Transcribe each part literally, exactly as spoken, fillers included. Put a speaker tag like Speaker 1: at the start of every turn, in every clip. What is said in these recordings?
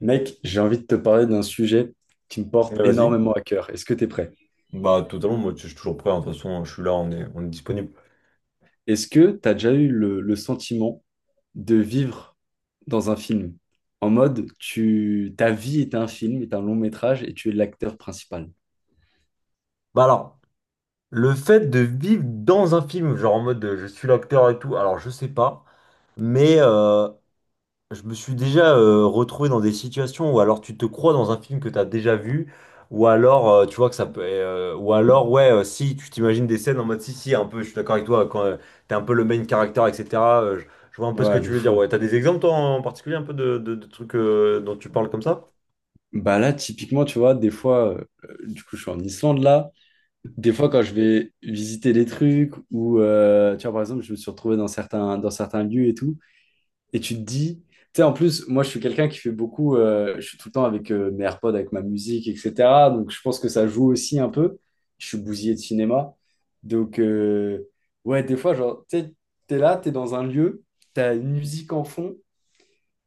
Speaker 1: Mec, j'ai envie de te parler d'un sujet qui me
Speaker 2: Mais
Speaker 1: porte
Speaker 2: vas-y.
Speaker 1: énormément à cœur. Est-ce que tu es prêt?
Speaker 2: Bah, totalement, moi, je suis toujours prêt, hein. De toute façon, je suis là, on est, on est disponible.
Speaker 1: Est-ce que tu as déjà eu le, le sentiment de vivre dans un film? En mode, tu, ta vie est un film, est un long métrage et tu es l'acteur principal.
Speaker 2: Bah, alors, le fait de vivre dans un film, genre en mode euh, je suis l'acteur et tout, alors je sais pas, mais euh, je me suis déjà euh, retrouvé dans des situations où alors tu te crois dans un film que t'as déjà vu, ou alors euh, tu vois que ça peut. Euh, ou alors, ouais, euh, si tu t'imagines des scènes en mode si, si, un peu, je suis d'accord avec toi, quand euh, t'es un peu le main character, et cetera euh, je, je vois un peu ce que
Speaker 1: Ouais,
Speaker 2: tu
Speaker 1: de
Speaker 2: veux dire.
Speaker 1: fou.
Speaker 2: Ouais, t'as des exemples, toi, en particulier, un peu de, de- de trucs euh, dont tu parles comme ça?
Speaker 1: Bah là, typiquement, tu vois, des fois, euh, du coup, je suis en Islande là. Des fois, quand je vais visiter des trucs ou, euh, tu vois, par exemple, je me suis retrouvé dans certains, dans certains lieux et tout. Et tu te dis, tu sais, en plus, moi, je suis quelqu'un qui fait beaucoup, euh, je suis tout le temps avec euh, mes AirPods, avec ma musique, et cetera. Donc, je pense que ça joue aussi un peu. Je suis bousillé de cinéma. Donc, euh, ouais, des fois, genre, tu sais, t'es là, t'es dans un lieu, t'as une musique en fond.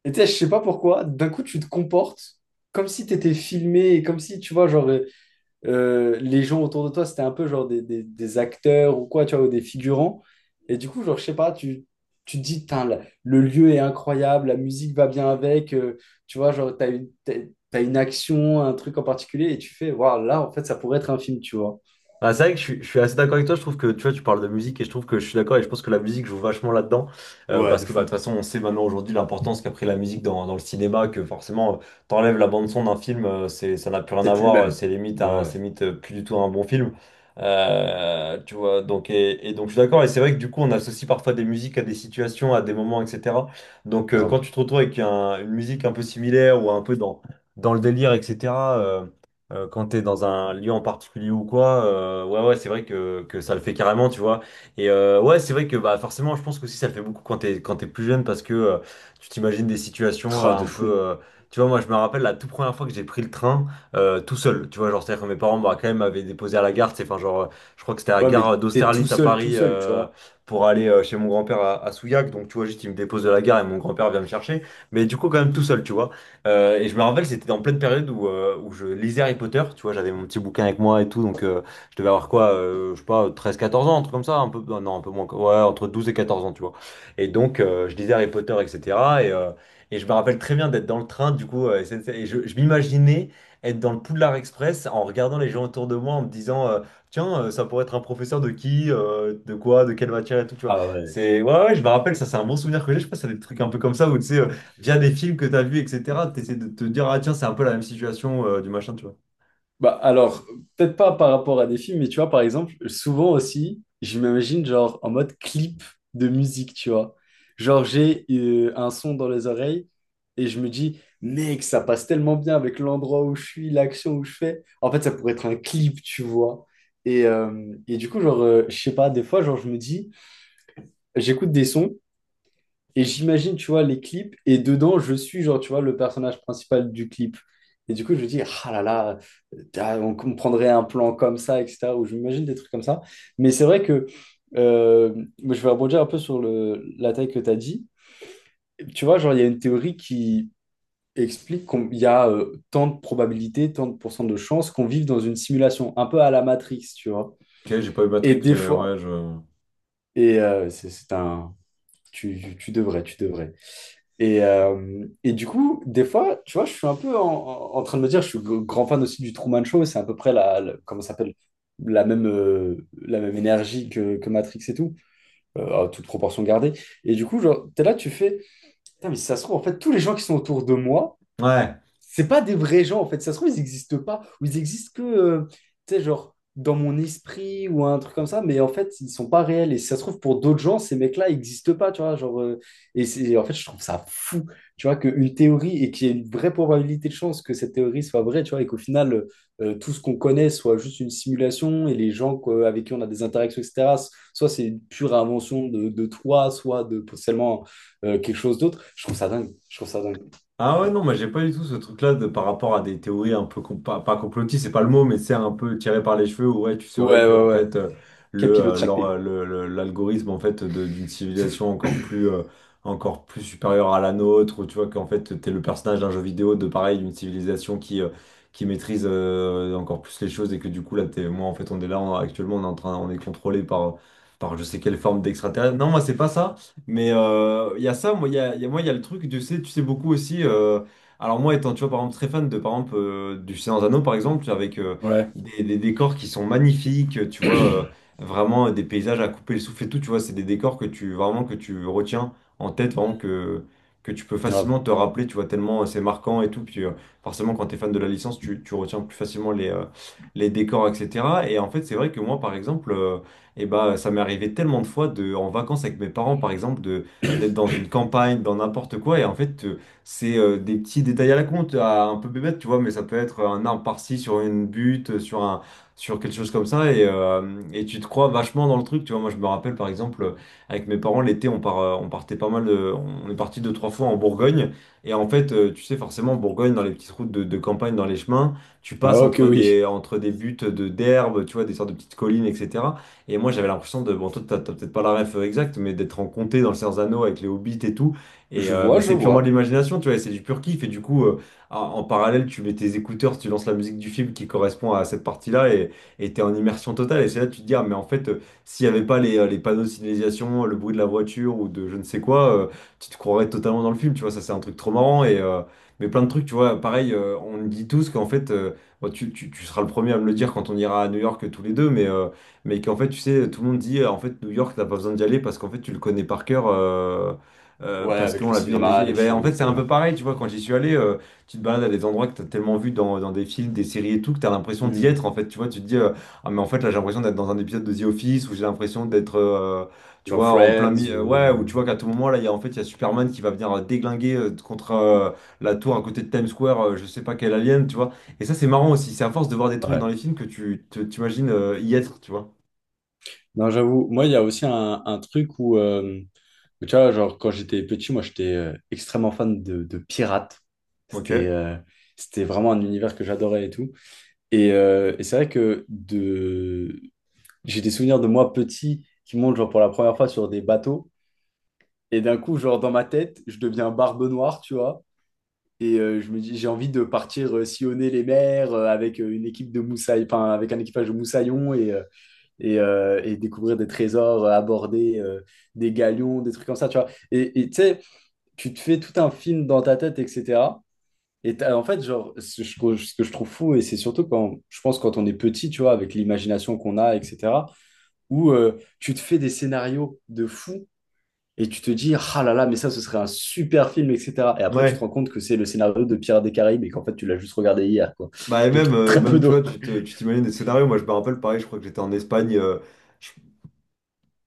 Speaker 1: Et tu sais, je sais pas pourquoi, d'un coup, tu te comportes comme si t'étais filmé, et comme si, tu vois, genre, euh, euh, les gens autour de toi, c'était un peu genre des, des- des acteurs ou quoi, tu vois, ou des figurants. Et du coup, genre, je sais pas, tu, tu te dis, Tain, la- le lieu est incroyable, la musique va bien avec, euh, tu vois, genre, t'as une, t'as, t'as une action, un truc en particulier, et tu fais, waouh, là, en fait, ça pourrait être un film, tu vois.
Speaker 2: Ah, c'est vrai que je suis, je suis assez d'accord avec toi. Je trouve que tu vois, tu parles de musique et je trouve que je suis d'accord et je pense que la musique joue vachement là-dedans euh,
Speaker 1: Ouais,
Speaker 2: parce
Speaker 1: de
Speaker 2: que bah, de
Speaker 1: fou.
Speaker 2: toute façon, on sait maintenant aujourd'hui l'importance qu'a pris la musique dans, dans le cinéma. Que forcément, euh, t'enlèves la bande son d'un film, euh, c'est, ça n'a plus rien
Speaker 1: C'est
Speaker 2: à
Speaker 1: plus le
Speaker 2: voir. euh,
Speaker 1: même.
Speaker 2: C'est limite, un,
Speaker 1: Ouais,
Speaker 2: c'est limite euh, plus du tout un bon film. Euh, tu vois, donc et, et donc je suis d'accord. Et c'est vrai que du coup, on associe parfois des musiques à des situations, à des moments, et cetera. Donc euh, quand
Speaker 1: grave.
Speaker 2: tu te retrouves avec un- une musique un peu similaire ou un peu dans, dans le délire, et cetera. Euh, quand t'es dans un lieu en particulier ou quoi, euh, ouais, ouais, c'est vrai que, que ça le fait carrément, tu vois. Et euh, ouais, c'est vrai que bah, forcément, je pense que aussi ça le fait beaucoup quand t'es, quand t'es plus jeune parce que euh, tu t'imagines des situations euh,
Speaker 1: Oh,
Speaker 2: un
Speaker 1: de fou.
Speaker 2: peu. Euh, tu vois, moi, je me rappelle la toute première fois que j'ai pris le train euh, tout seul, tu vois. Genre, c'est-à-dire que mes parents, bah, quand même, m'avaient déposé à la gare, c'est enfin, genre, euh, je crois que c'était à la
Speaker 1: Ouais, mais
Speaker 2: gare
Speaker 1: t'es tout
Speaker 2: d'Austerlitz à
Speaker 1: seul, tout
Speaker 2: Paris
Speaker 1: seul, tu
Speaker 2: euh,
Speaker 1: vois.
Speaker 2: pour aller euh, chez mon grand-père à, à Souillac. Donc, tu vois, juste, il me dépose de la gare et mon grand-père vient me chercher. Mais du coup, quand même, tout seul, tu vois. Euh, et je me rappelle, c'était en pleine période où, euh, où je lisais Harry Potter, tu vois, j'avais mon petit bouquin avec moi et tout, donc euh, je devais avoir quoi, euh, je sais pas, treize, quatorze ans, un truc comme ça, un peu, non, un peu moins, ouais, entre douze et quatorze ans, tu vois. Et donc, euh, je lisais Harry Potter, et cetera. Et, euh, et je me rappelle très bien d'être dans le train, du coup, euh, S N C F, et je, je m'imaginais être dans le Poudlard Express en regardant les gens autour de moi, en me disant, euh, tiens, euh, ça pourrait être un professeur de qui, euh, de quoi, de quelle matière et tout, tu vois.
Speaker 1: Ah ouais.
Speaker 2: C'est, ouais, ouais, je me rappelle, ça, c'est un bon souvenir que j'ai, je sais pas, ça des trucs un peu comme ça, où tu sais, euh, via des films que t'as vus, et cetera, t'essaies de te dire, ah tiens, c'est un peu la même situation euh, du machin, tu vois.
Speaker 1: Bah alors, peut-être pas par rapport à des films, mais tu vois, par exemple, souvent aussi, je m'imagine genre en mode clip de musique, tu vois. Genre, j'ai euh, un son dans les oreilles et je me dis, mec, ça passe tellement bien avec l'endroit où je suis, l'action où je fais. En fait, ça pourrait être un clip, tu vois. Et, euh, et du coup, genre, euh, je sais pas, des fois, genre, je me dis, j'écoute des sons. Et j'imagine, tu vois, les clips, et dedans, je suis, genre, tu vois, le personnage principal du clip. Et du coup, je me dis, ah là là, euh, ah, on comprendrait un plan comme ça, et cetera. Ou je m'imagine des trucs comme ça. Mais c'est vrai que euh, moi, je vais rebondir un peu sur le, la taille que tu as dit. Tu vois, genre, il y a une théorie qui explique qu'il y a euh, tant de probabilités, tant de pourcents de chances qu'on vive dans une simulation, un peu à la Matrix, tu vois.
Speaker 2: Ok, j'ai pas eu
Speaker 1: Et
Speaker 2: Matrix,
Speaker 1: des
Speaker 2: mais
Speaker 1: fois,
Speaker 2: ouais, je.
Speaker 1: et euh, c'est c'est un. Tu, tu devrais, tu devrais. Et, euh, et du coup, des fois, tu vois, je suis un peu en, en- en train de me dire, je suis g- grand fan aussi du Truman Show, c'est à peu près la, la- comment ça s'appelle, la même, euh, la même énergie que, que Matrix et tout, euh, à toute proportion gardée. Et du coup, genre, t'es là, tu fais, putain, mais si ça se trouve, en fait, tous les gens qui sont autour de moi,
Speaker 2: Ouais.
Speaker 1: c'est pas des vrais gens en fait. Ça se trouve, ils n'existent pas ou ils existent que, euh, tu sais, genre dans mon esprit ou un truc comme ça, mais en fait, ils sont pas réels. Et si ça se trouve, pour d'autres gens, ces mecs-là n'existent pas, tu vois. Genre, euh, et c'est, en fait, je trouve ça fou, tu vois, qu'une théorie et qu'il y ait une vraie probabilité de chance que cette théorie soit vraie, tu vois, et qu'au final, euh, euh, tout ce qu'on connaît soit juste une simulation et les gens quoi, avec qui on a des interactions, et cetera, soit c'est une pure invention de, de toi, soit de potentiellement euh, quelque chose d'autre. Je trouve ça dingue. Je trouve ça dingue.
Speaker 2: Ah ouais, non, moi j'ai pas du tout ce truc-là de par rapport à des théories un peu, com- pas, pas complotistes, c'est pas le mot, mais c'est un peu tiré par les cheveux, où ouais, tu saurais
Speaker 1: Ouais,
Speaker 2: que
Speaker 1: ouais,
Speaker 2: en
Speaker 1: ouais.
Speaker 2: fait, euh, le, euh, leur,
Speaker 1: Capillotracté.
Speaker 2: euh, le- le- l'algorithme en fait, de- d'une civilisation encore plus, euh, encore plus supérieure à la nôtre, ou tu vois qu'en fait, t'es le personnage d'un jeu vidéo de pareil, d'une civilisation qui, euh, qui maîtrise euh, encore plus les choses, et que du coup, là, t'es, moi en fait, on est là, on- actuellement, on est en train, on est contrôlé par, par je sais quelle forme d'extraterrestre. Non, moi c'est pas ça. Mais euh, il y a ça, moi, il y a, il y a- moi, il y a le truc, tu sais, tu sais beaucoup aussi. Euh, alors, moi, étant, tu vois, par exemple, très fan de, par exemple, euh, du Seigneur des Anneaux, par exemple, avec euh,
Speaker 1: Ouais,
Speaker 2: des, des décors qui sont magnifiques, tu vois, euh, vraiment euh, des paysages à couper le souffle et tout, tu vois, c'est des décors que tu, vraiment, que tu retiens en tête, vraiment, que, que tu peux facilement
Speaker 1: grave.
Speaker 2: te rappeler, tu vois, tellement euh, c'est marquant et tout. Puis, euh, forcément, quand tu es fan de la licence, tu, tu retiens plus facilement les, euh, les décors, et cetera. Et en fait, c'est vrai que moi, par exemple. Euh, et bah, ça m'est arrivé tellement de fois de, en vacances avec mes parents, par exemple, de, d'être dans une campagne, dans n'importe quoi. Et en fait, euh, c'est euh, des petits détails à la con, à un peu bébête, tu vois, mais ça peut être un arbre par-ci sur une butte, euh, sur un, sur quelque chose comme ça. Et, euh, et tu te crois vachement dans le truc, tu vois. Moi, je me rappelle, par exemple, avec mes parents, l'été, on part, euh, on partait pas mal, de- on est parti deux, trois fois en Bourgogne. Et en fait, euh, tu sais, forcément, en Bourgogne, dans les petites routes de, de campagne, dans les chemins, tu
Speaker 1: Ah,
Speaker 2: passes
Speaker 1: ok,
Speaker 2: entre
Speaker 1: oui.
Speaker 2: des, entre des buttes de, d'herbe, tu vois, des sortes de petites collines, et cetera. Et moi, j'avais l'impression de, bon, toi, t'as t'as peut-être pas la ref euh, exacte, mais d'être en comté dans le Seigneur des Anneaux avec les hobbits et tout. Et,
Speaker 1: Je
Speaker 2: euh,
Speaker 1: vois,
Speaker 2: mais
Speaker 1: je
Speaker 2: c'est purement de
Speaker 1: vois.
Speaker 2: l'imagination, tu vois, et c'est du pur kiff. Et du coup, euh, en en parallèle, tu mets tes écouteurs, tu lances la musique du film qui correspond à cette partie-là et et t'es en immersion totale. Et c'est là que tu te dis, ah, mais en fait, euh, s'il n'y avait pas les, euh, les panneaux de signalisation, le bruit de la voiture ou de je ne sais quoi, euh, tu te croirais totalement dans le film, tu vois, ça c'est un truc trop marrant. Et, euh, mais plein de trucs, tu vois, pareil, euh, on dit tous qu'en fait, euh, bon, tu, tu- tu seras le premier à me le dire quand on ira à New York tous les deux, mais euh, mais qu'en fait, tu sais, tout le monde dit, euh, en fait, New York, t'as pas besoin d'y aller parce qu'en fait, tu le connais par cœur, euh, euh,
Speaker 1: Ouais,
Speaker 2: parce
Speaker 1: avec
Speaker 2: qu'on
Speaker 1: le
Speaker 2: l'a vu dans des
Speaker 1: cinéma,
Speaker 2: films. Et
Speaker 1: les
Speaker 2: ben, en
Speaker 1: films et
Speaker 2: fait, c'est
Speaker 1: tout,
Speaker 2: un
Speaker 1: ouais.
Speaker 2: peu pareil, tu vois, quand j'y suis allé, euh, tu te balades à des endroits que t'as tellement vu dans, dans des films, des séries et tout, que t'as l'impression d'y
Speaker 1: Hmm.
Speaker 2: être, en fait, tu vois, tu te dis, euh, ah, mais en fait, là, j'ai l'impression d'être dans un épisode de The Office, où j'ai l'impression d'être, euh, tu
Speaker 1: Dans
Speaker 2: vois, en plein
Speaker 1: Friends
Speaker 2: milieu, euh, ouais, ou
Speaker 1: ou.
Speaker 2: tu vois qu'à tout moment, là, il y a, en fait, il y a Superman qui va venir euh, déglinguer euh, contre euh, la tour à côté de Times Square, euh, je sais pas quel alien, tu vois. Et ça, c'est marrant aussi. C'est à force de voir des trucs
Speaker 1: Ouais.
Speaker 2: dans les films que tu te- t'imagines euh, y être, tu vois.
Speaker 1: Non, j'avoue, moi, il y a aussi un, un truc où, euh, où, tu vois, genre, quand j'étais petit, moi, j'étais euh, extrêmement fan de, de pirates. C'était
Speaker 2: Ok.
Speaker 1: euh, c'était vraiment un univers que j'adorais et tout. Et, euh, et c'est vrai que de... j'ai des souvenirs de moi petit qui montent, genre, pour la première fois sur des bateaux. Et d'un coup, genre, dans ma tête, je deviens Barbe Noire, tu vois. Et euh, je me dis, j'ai envie de partir euh, sillonner les mers euh, avec euh, une équipe de moussaillons, enfin, avec un équipage de moussaillons et, euh, et, euh, et découvrir des trésors, euh, aborder euh, des galions, des trucs comme ça, tu vois. Et et tu sais, tu te fais tout un film dans ta tête, et cetera. Et t'as- en fait, genre, ce, je trouve- ce que je trouve fou, et c'est surtout quand, je pense, quand on est petit, tu vois, avec l'imagination qu'on a, et cetera, où euh, tu te fais des scénarios de fou et tu te dis, ah là là, mais ça, ce serait un super film, et cetera. Et après, tu te rends
Speaker 2: Ouais.
Speaker 1: compte que c'est le scénario de Pirates des Caraïbes et qu'en fait, tu l'as juste regardé hier, quoi.
Speaker 2: Bah, et
Speaker 1: Donc,
Speaker 2: même, euh,
Speaker 1: très peu
Speaker 2: même tu
Speaker 1: d'eau.
Speaker 2: vois, tu te- tu t'imagines des scénarios. Moi, je me rappelle, pareil, je crois que j'étais en Espagne. euh, je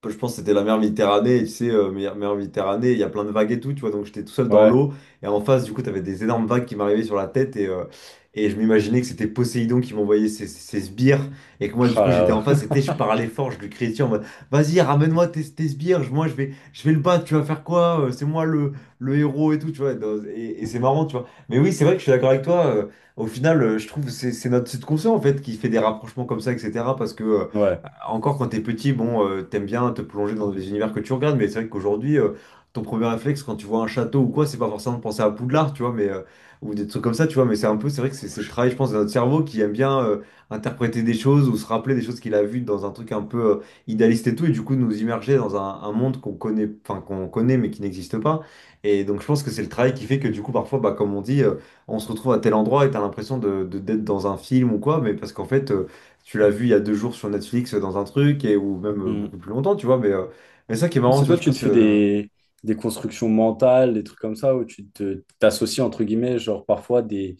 Speaker 2: je pense que c'était la mer Méditerranée, et tu sais, euh, mer, mer Méditerranée, il y a plein de vagues et tout, tu vois, donc j'étais tout seul dans
Speaker 1: Ouais.
Speaker 2: l'eau, et en face, du coup, t'avais des énormes vagues qui m'arrivaient sur la tête, et, euh, et je m'imaginais que c'était Poséidon qui m'envoyait ses, ses ses sbires, et que moi, du
Speaker 1: Ah
Speaker 2: coup, j'étais
Speaker 1: là,
Speaker 2: en
Speaker 1: ouais.
Speaker 2: face, et tu sais, je parlais fort, je lui criais dessus en mode, vas-y, ramène-moi tes, tes sbires, je- moi, je vais, je vais le battre, tu vas faire quoi? euh, C'est moi le, le héros et tout, tu vois, et, dans- et- et c'est marrant, tu vois. Mais oui, c'est vrai que je suis d'accord avec toi, euh, au final, euh, je trouve que c'est c'est notre subconscient, en fait, qui fait des rapprochements comme ça, et cetera, parce que. Euh,
Speaker 1: Ouais.
Speaker 2: encore quand t'es petit, bon, euh, t'aimes bien te plonger dans les univers que tu regardes, mais c'est vrai qu'aujourd'hui, euh, ton premier réflexe quand tu vois un château ou quoi, c'est pas forcément de penser à Poudlard, tu vois, mais euh, ou des trucs comme ça, tu vois, mais c'est un peu, c'est vrai que c'est c'est le travail, je pense, de notre cerveau qui aime bien euh, interpréter des choses ou se rappeler des choses qu'il a vues dans un truc un peu euh, idéaliste et tout, et du coup nous immerger dans un, un monde qu'on connaît, enfin qu'on connaît mais qui n'existe pas. Et donc je pense que c'est le travail qui fait que du coup parfois, bah, comme on dit, euh, on se retrouve à tel endroit et t'as l'impression de, de- d'être dans un film ou quoi, mais parce qu'en fait euh, tu l'as vu il y a deux jours sur Netflix euh, dans un truc, et, ou même euh,
Speaker 1: Mm.
Speaker 2: beaucoup plus longtemps, tu vois. Mais, euh, mais ça qui est marrant,
Speaker 1: C'est
Speaker 2: tu vois,
Speaker 1: toi,
Speaker 2: je
Speaker 1: tu te
Speaker 2: pense
Speaker 1: fais
Speaker 2: que.
Speaker 1: des, des constructions mentales, des trucs comme ça, où tu te, t'associes, entre guillemets, genre parfois des,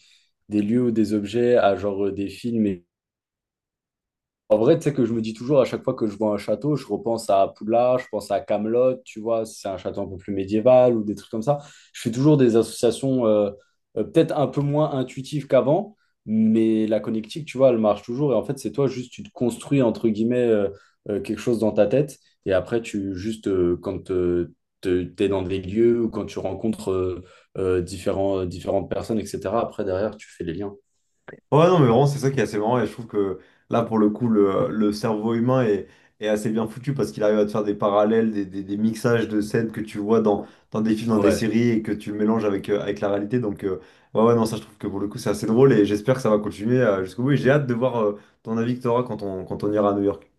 Speaker 1: des lieux ou des objets à genre euh, des films. En vrai, tu sais que je me dis toujours à chaque fois que je vois un château, je repense à Poudlard, je pense à Camelot, tu vois, si c'est un château un peu plus médiéval ou des trucs comme ça. Je fais toujours des associations euh, euh, peut-être un peu moins intuitives qu'avant, mais la connectique, tu vois, elle marche toujours. Et en fait, c'est toi juste, tu te construis entre guillemets euh, euh, quelque chose dans ta tête. Et après, tu juste euh, quand euh, te- t'es dans des lieux ou quand tu rencontres euh, euh, différents, différentes personnes, et cetera. Après, derrière, tu fais les liens.
Speaker 2: Ouais, non, mais vraiment, c'est ça qui est assez marrant, et je trouve que là, pour le coup, le, le cerveau humain est, est assez bien foutu parce qu'il arrive à te faire des parallèles, des, des, des mixages de scènes que tu vois dans, dans des films, dans des
Speaker 1: Ouais.
Speaker 2: séries, et que tu mélanges avec, euh, avec la réalité. Donc, euh, ouais, ouais, non, ça, je trouve que pour le coup, c'est assez drôle, et j'espère que ça va continuer euh, jusqu'au bout. Et j'ai hâte de voir euh, ton avis que tu auras quand on, quand on ira à New York.